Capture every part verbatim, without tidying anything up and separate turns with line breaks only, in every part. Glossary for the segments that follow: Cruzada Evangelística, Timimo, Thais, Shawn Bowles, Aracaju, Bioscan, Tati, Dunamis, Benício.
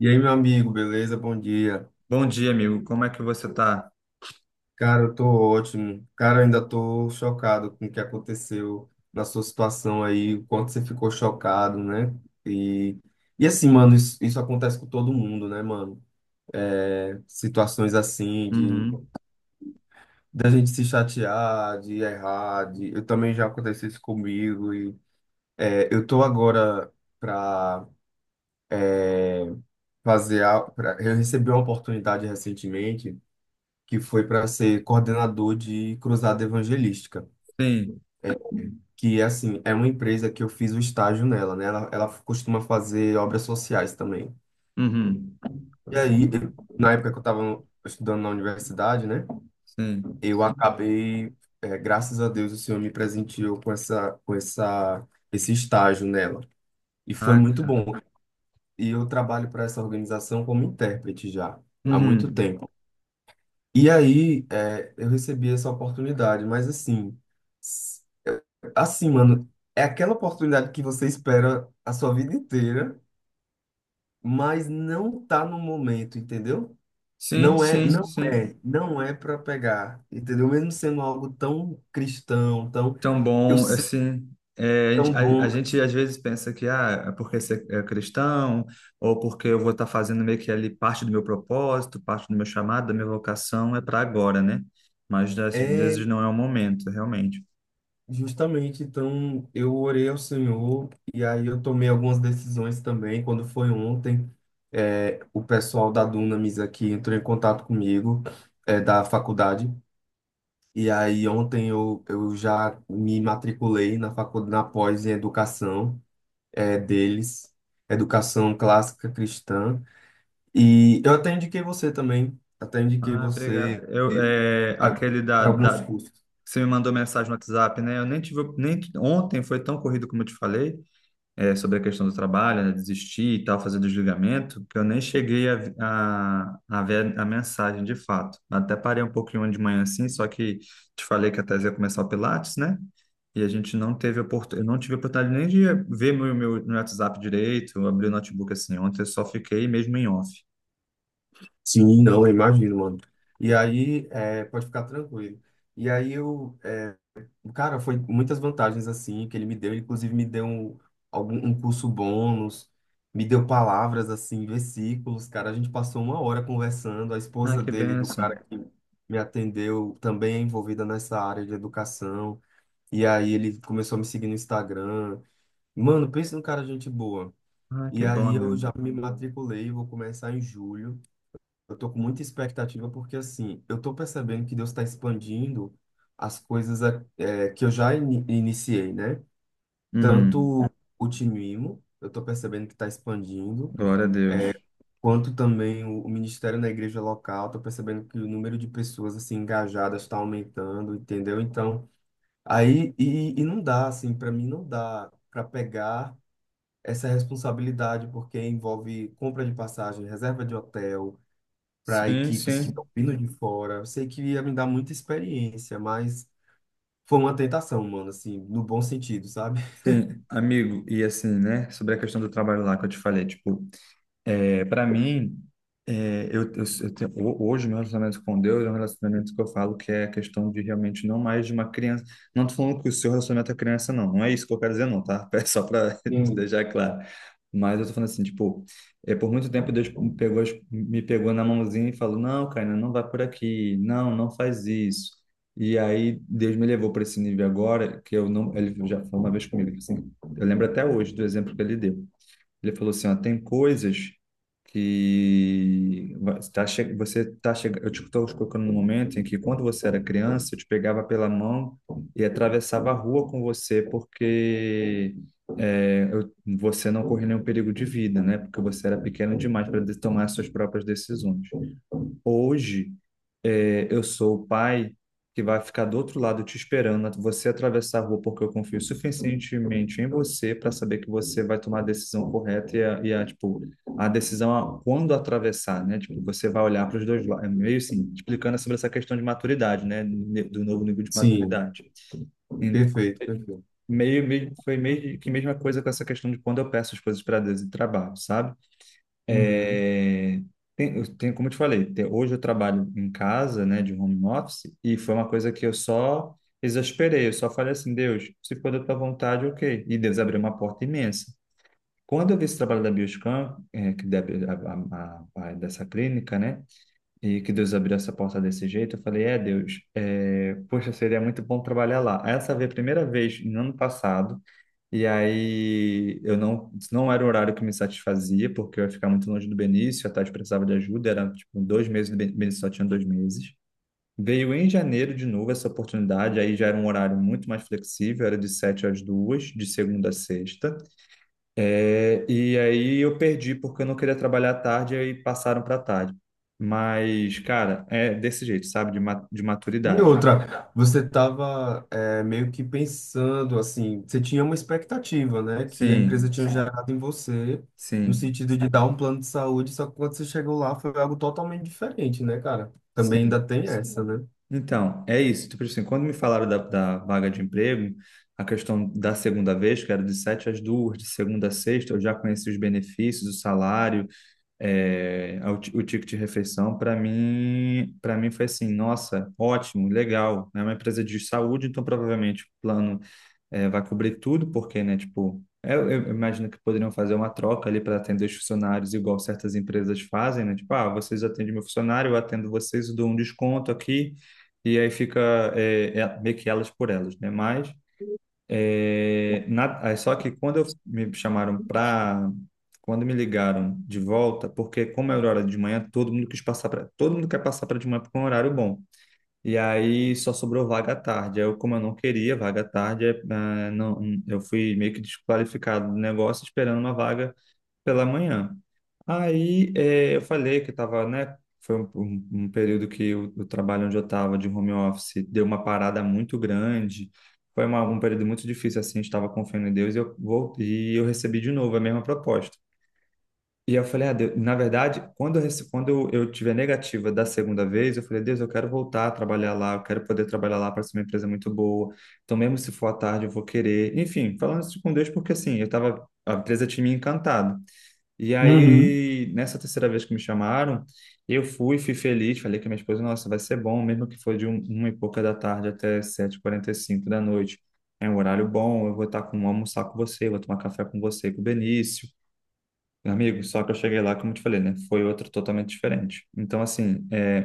E aí, meu amigo, beleza? Bom dia.
Bom dia, amigo. Como é que você tá?
Cara, eu tô ótimo. Cara, eu ainda tô chocado com o que aconteceu na sua situação aí, o quanto você ficou chocado, né? E, e assim, mano, isso, isso acontece com todo mundo, né, mano? É, situações assim de
Uhum.
da gente se chatear, de errar, de, eu também já aconteceu isso comigo e é, eu tô agora pra fazer, a- pra, eu recebi uma oportunidade recentemente que foi para ser coordenador de Cruzada Evangelística,
Sim.
que é assim, é uma empresa que eu fiz o estágio nela, né? Ela, ela costuma fazer obras sociais também.
Uhum.
E aí, eu- na época que eu estava estudando na universidade, né?
Sim.
Eu acabei, é, graças a Deus, o Senhor me presenteou com essa, com essa, esse estágio nela. E foi
Ah,
muito
cara.
bom. E eu trabalho para essa organização como intérprete já há muito
Uhum.
tempo. E aí, é, eu recebi essa oportunidade, mas assim, s- eu- assim, mano, é aquela oportunidade que você espera a sua vida inteira, mas não tá no momento, entendeu?
Sim,
Não é,
sim,
não
sim.
é, não é para pegar, entendeu? Mesmo sendo algo tão cristão, tão,
Tão
eu
bom,
sei,
assim. É, a, gente
tão
a- a
bom,
gente,
mas
às vezes pensa que ah, é porque você é cristão, ou porque eu vou estar fazendo meio que ali parte do meu propósito, parte do meu chamado, da minha vocação, é para agora, né? Mas às
é.
vezes não é o momento, realmente.
Justamente, então eu orei ao Senhor e aí eu tomei algumas decisões também. Quando foi ontem, eh, o pessoal da Dunamis aqui entrou em contato comigo, eh, da faculdade. E aí ontem eu, eu já me matriculei na faculdade, na pós em educação, eh, deles, educação clássica cristã. E eu até indiquei você também, até indiquei
Ah, obrigado.
você
Eu, é, aquele da,
para alguns
da,
cursos.
Você me mandou mensagem no WhatsApp, né? Eu nem tive, nem ontem foi tão corrido como eu te falei, é, sobre a questão do trabalho, né? Desistir e tal, fazer desligamento, que eu nem cheguei a, a, a ver a mensagem de fato. Até parei um pouquinho de manhã assim, só que te falei que a Thais ia começar o Pilates, né? E a gente não teve oportunidade, eu não tive oportunidade nem de ver meu, meu, meu WhatsApp direito, eu abri o notebook assim. Ontem eu só fiquei mesmo em off.
Sim, não, eu imagino, mano. E aí, é, pode ficar tranquilo. E aí eu, é, cara, foi muitas vantagens assim que ele me deu, ele inclusive me deu um, algum, um curso bônus, me deu palavras assim, versículos, cara, a gente passou uma hora conversando, a
Ah,
esposa
que
dele, do
bênção.
cara que me atendeu, também é envolvida nessa área de educação, e aí ele começou a me seguir no Instagram. Mano, pensa num cara gente boa.
Ah, que
E
bom,
aí
meu.
eu já me matriculei, vou começar em julho. Eu tô com muita expectativa porque, assim, eu tô percebendo que Deus está expandindo as coisas a- eh, que eu já ini- iniciei, né?
Uhum.
Tanto o Timimo, eu tô percebendo que está expandindo,
Glória a
eh,
Deus.
quanto também o, o ministério na igreja local, tô percebendo que o número de pessoas, assim, engajadas está aumentando, entendeu? Então, aí, e, e não dá, assim, para mim não dá para pegar essa responsabilidade, porque envolve compra de passagem, reserva de hotel, para
Sim,
equipes que
sim.
estão vindo de fora. Eu sei que ia me dar muita experiência, mas foi uma tentação, mano, assim, no bom sentido, sabe?
Sim, amigo, e assim, né, sobre a questão do trabalho lá que eu te falei, tipo, é, para mim, é, eu, eu, eu tenho, ho- hoje meu relacionamento com Deus é um relacionamento que eu falo que é a questão de realmente não mais de uma criança. Não tô falando que o seu relacionamento é criança, não. Não é isso que eu quero dizer, não, tá? É só para te
Sim.
deixar claro. Mas eu tô falando assim, tipo, é, por muito tempo Deus me pegou, as- me pegou na mãozinha e falou, não, Caína, não vai por aqui. Não, não faz isso. E aí Deus me levou para esse nível agora que eu não. Ele já falou uma vez comigo, assim, eu lembro até hoje do exemplo que ele deu. Ele falou assim, ó, tem coisas que va- tá che- você tá chegando, eu te estou colocando no momento em que quando você era criança, eu te pegava pela mão e atravessava a rua com você porque é, eu- você não corria nenhum perigo de vida, né? Porque você era pequeno demais para tomar suas próprias decisões. Hoje, é, eu sou o pai que vai ficar do outro lado te esperando você atravessar a rua, porque eu confio suficientemente em você para saber que você vai tomar a decisão correta e a, e a, tipo, a decisão a quando atravessar, né? Tipo, você vai olhar para os dois lados. É meio assim, explicando sobre essa questão de maturidade, né? Ne- Do novo nível de
Sim,
maturidade. Então,
perfeito, perfeito.
meio, meio, foi meio que a mesma coisa com essa questão de quando eu peço as coisas para Deus em trabalho, sabe?
Uhum.
É, tem, eu tenho- como eu te falei, te- hoje eu trabalho em casa, né, de home office, e foi uma coisa que eu só exasperei, eu só falei assim, Deus, se for da tua vontade, ok. E Deus abriu uma porta imensa. Quando eu vi esse trabalho da Bioscan, é, que deve, a, a, a, a- dessa clínica, né, e que Deus abriu essa porta desse jeito, eu falei, é, Deus, é, poxa, seria muito bom trabalhar lá. Essa foi a primeira vez, no ano passado, e aí eu não, não era o horário que me satisfazia, porque eu ia ficar muito longe do Benício, a Tati precisava de ajuda, era tipo dois meses, o Ben- Benício só tinha dois meses. Veio em janeiro de novo essa oportunidade, aí já era um horário muito mais flexível, era de sete às duas, de segunda a sexta. É, e aí eu perdi porque eu não queria trabalhar à tarde e passaram para tarde. Mas, cara, é desse jeito, sabe? De, ma- de
E
maturidade.
outra, você estava meio que pensando, assim, você tinha uma expectativa, né, que a empresa
Sim,
tinha gerado em você, no
sim,
sentido de dar um plano de saúde, só que quando você chegou lá foi algo totalmente diferente, né, cara? Também ainda
sim.
tem essa, né?
Então, é isso. Tipo assim, quando me falaram da, da vaga de emprego, a questão da segunda vez, que era de sete às duas, de segunda a sexta, eu já conheci os benefícios, o salário, eh, o, ti- o ticket de refeição. Para mim, para mim foi assim, nossa, ótimo, legal. É uma empresa de saúde, então provavelmente o plano é, vai cobrir tudo, porque, né, tipo, é, eu, eu imagino que poderiam fazer uma troca ali para atender os funcionários, igual certas empresas fazem, né? Tipo, ah, vocês atendem meu funcionário, eu atendo vocês, eu dou um desconto aqui, e aí fica é, é, meio que elas por elas, né? Mas, é, na- aí só que quando eu, me chamaram para. Quando me ligaram de volta, porque como era hora de manhã, todo mundo quis passar para, todo mundo quer passar para de manhã porque é um horário bom. E aí só sobrou vaga à tarde. Aí eu, como eu não queria vaga à tarde, eh, ah, não, eu fui meio que desqualificado do negócio esperando uma vaga pela manhã. Aí eh, eu falei que estava, né? Foi um, um- um período que o, o trabalho onde eu estava de home office deu uma parada muito grande. Foi uma- um período muito difícil, assim, estava confiando em Deus e eu voltei, e eu recebi de novo a mesma proposta. E eu falei, ah, Deus, na verdade, quando eu, rece- quando eu eu tive a negativa da segunda vez, eu falei, Deus, eu quero voltar a trabalhar lá, eu quero poder trabalhar lá, parece uma empresa muito boa. Então, mesmo se for à tarde, eu vou querer. Enfim, falando isso com Deus, porque assim, eu tava, a empresa tinha me encantado. E
Uhum.
aí, nessa terceira vez que me chamaram, eu fui, fui feliz, falei com a minha esposa, nossa, vai ser bom, mesmo que for de um, uma e pouca da tarde até sete e quarenta e cinco da noite. É um horário bom, eu vou estar com, almoçar com você, vou tomar café com você, com o Benício. Amigo, só que eu cheguei lá, como eu te falei, né? Foi outro totalmente diferente. Então, assim, é,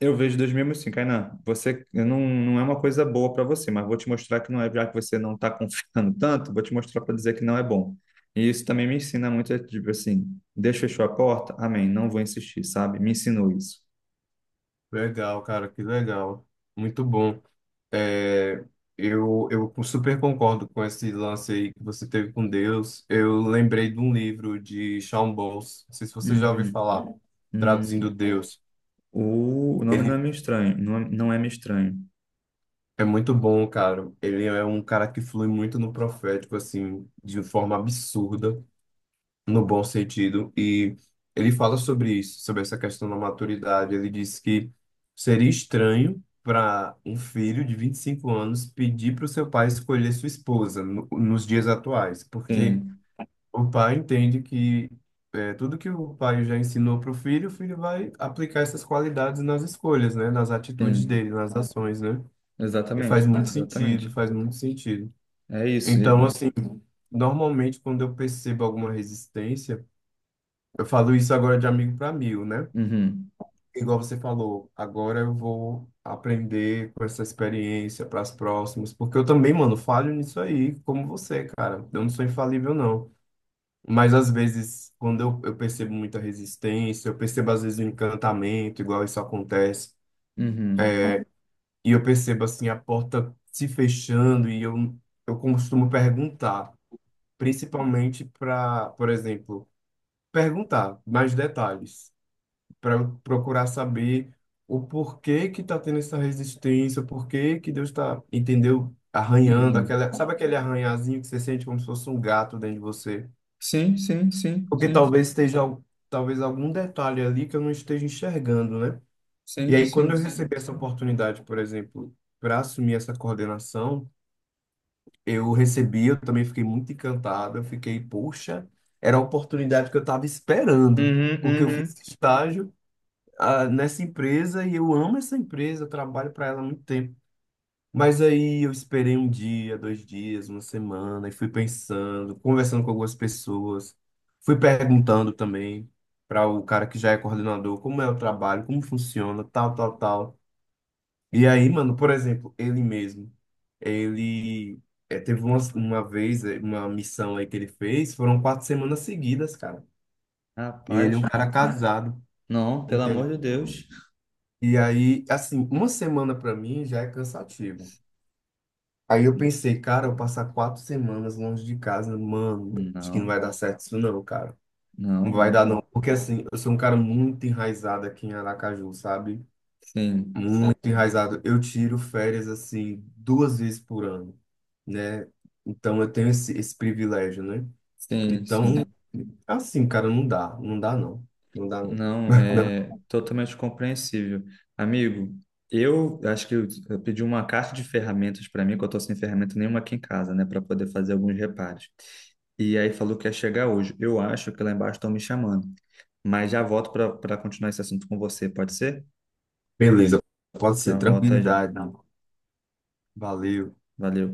eu vejo dois mil e cinco, Kainan, você não, não é uma coisa boa para você, mas vou te mostrar que não é, já que você não está confiando tanto, vou te mostrar para dizer que não é bom. E isso também me ensina muito, é tipo assim, Deus fechou a porta, amém, não vou insistir, sabe? Me ensinou isso.
Legal, cara, que legal. Muito bom. É, eu, eu super concordo com esse lance aí que você teve com Deus. Eu lembrei de um livro de Shawn Bowles, não sei se você já ouviu
Uhum.
falar, traduzindo
Hum,
Deus.
o, o nome não
Ele
é meio estranho, não, é- não é meio estranho.
é muito bom, cara. Ele é um cara que flui muito no profético, assim, de forma absurda. No bom sentido, e ele fala sobre isso, sobre essa questão da maturidade. Ele diz que seria estranho para um filho de vinte e cinco anos pedir para o seu pai escolher sua esposa no, nos dias atuais, porque
Sim,
o pai entende que é, tudo que o pai já ensinou para o filho, o filho vai aplicar essas qualidades nas escolhas, né, nas atitudes
sim,
dele, nas ações, né? E faz
exatamente,
muito
exatamente.
sentido, faz muito sentido.
É isso.
Então,
e-
assim, normalmente quando eu percebo alguma resistência, eu falo isso agora de amigo para amigo, né?
Uhum,
Igual você falou, agora eu vou aprender com essa experiência para as próximas, porque eu também, mano, falho nisso aí, como você, cara. Eu não sou infalível, não. Mas às vezes, quando eu, eu percebo muita resistência, eu percebo às vezes o encantamento, igual isso acontece,
uhum.
e eu percebo assim a porta se fechando, e eu, eu costumo perguntar, principalmente para, por exemplo, perguntar mais detalhes, para procurar saber o porquê que está tendo essa resistência, o porquê que Deus está, entendeu? Arranhando
Uhum.
aquela, sabe aquele arranhazinho que você sente como se fosse um gato dentro de você?
Sim, sim, sim,
Porque
sim,
talvez esteja, al- talvez algum detalhe ali que eu não esteja enxergando, né? E
sim,
aí, quando eu recebi
sim.
essa oportunidade, por exemplo, para assumir essa coordenação, eu recebi, eu também fiquei muito encantado, eu fiquei, poxa, era a oportunidade que eu estava esperando,
Uhum,
porque eu fiz
uhum.
estágio, ah, nessa empresa e eu amo essa empresa, eu trabalho para ela há muito tempo. Mas aí eu esperei um dia, dois dias, uma semana e fui pensando, conversando com algumas pessoas, fui perguntando também para o cara que já é coordenador como é o trabalho, como funciona, tal, tal, tal. E aí, mano, por exemplo, ele mesmo, ele eh, teve uma, uma vez, eh, uma missão aí que ele fez, foram quatro semanas seguidas, cara. E ele é um
Rapaz,
cara casado.
não, pelo amor de Deus.
E aí, assim, uma semana pra mim já é cansativo. Aí eu pensei, cara, eu passar quatro semanas longe de casa, mano, acho que não
Não,
vai dar certo isso não, cara. Não
não,
vai dar
não.
não, porque assim, eu sou um cara muito enraizado aqui em Aracaju, sabe?
Sim,
Muito enraizado. Eu tiro férias, assim, duas vezes por ano, né? Então eu tenho esse, esse privilégio, né?
sim,
Então,
sim.
assim, cara, não dá, não dá não, não dá não.
Não,
Não,
é totalmente compreensível. Amigo, eu acho que eu, eu pedi uma caixa de ferramentas para mim, que eu tô sem ferramenta nenhuma aqui em casa, né, para poder fazer alguns reparos. E aí falou que ia chegar hoje. Eu acho que lá embaixo estão me chamando. Mas já volto para para continuar esse assunto com você, pode ser?
beleza, pode ser,
Já volto aí já.
tranquilidade, não. Valeu.
Valeu.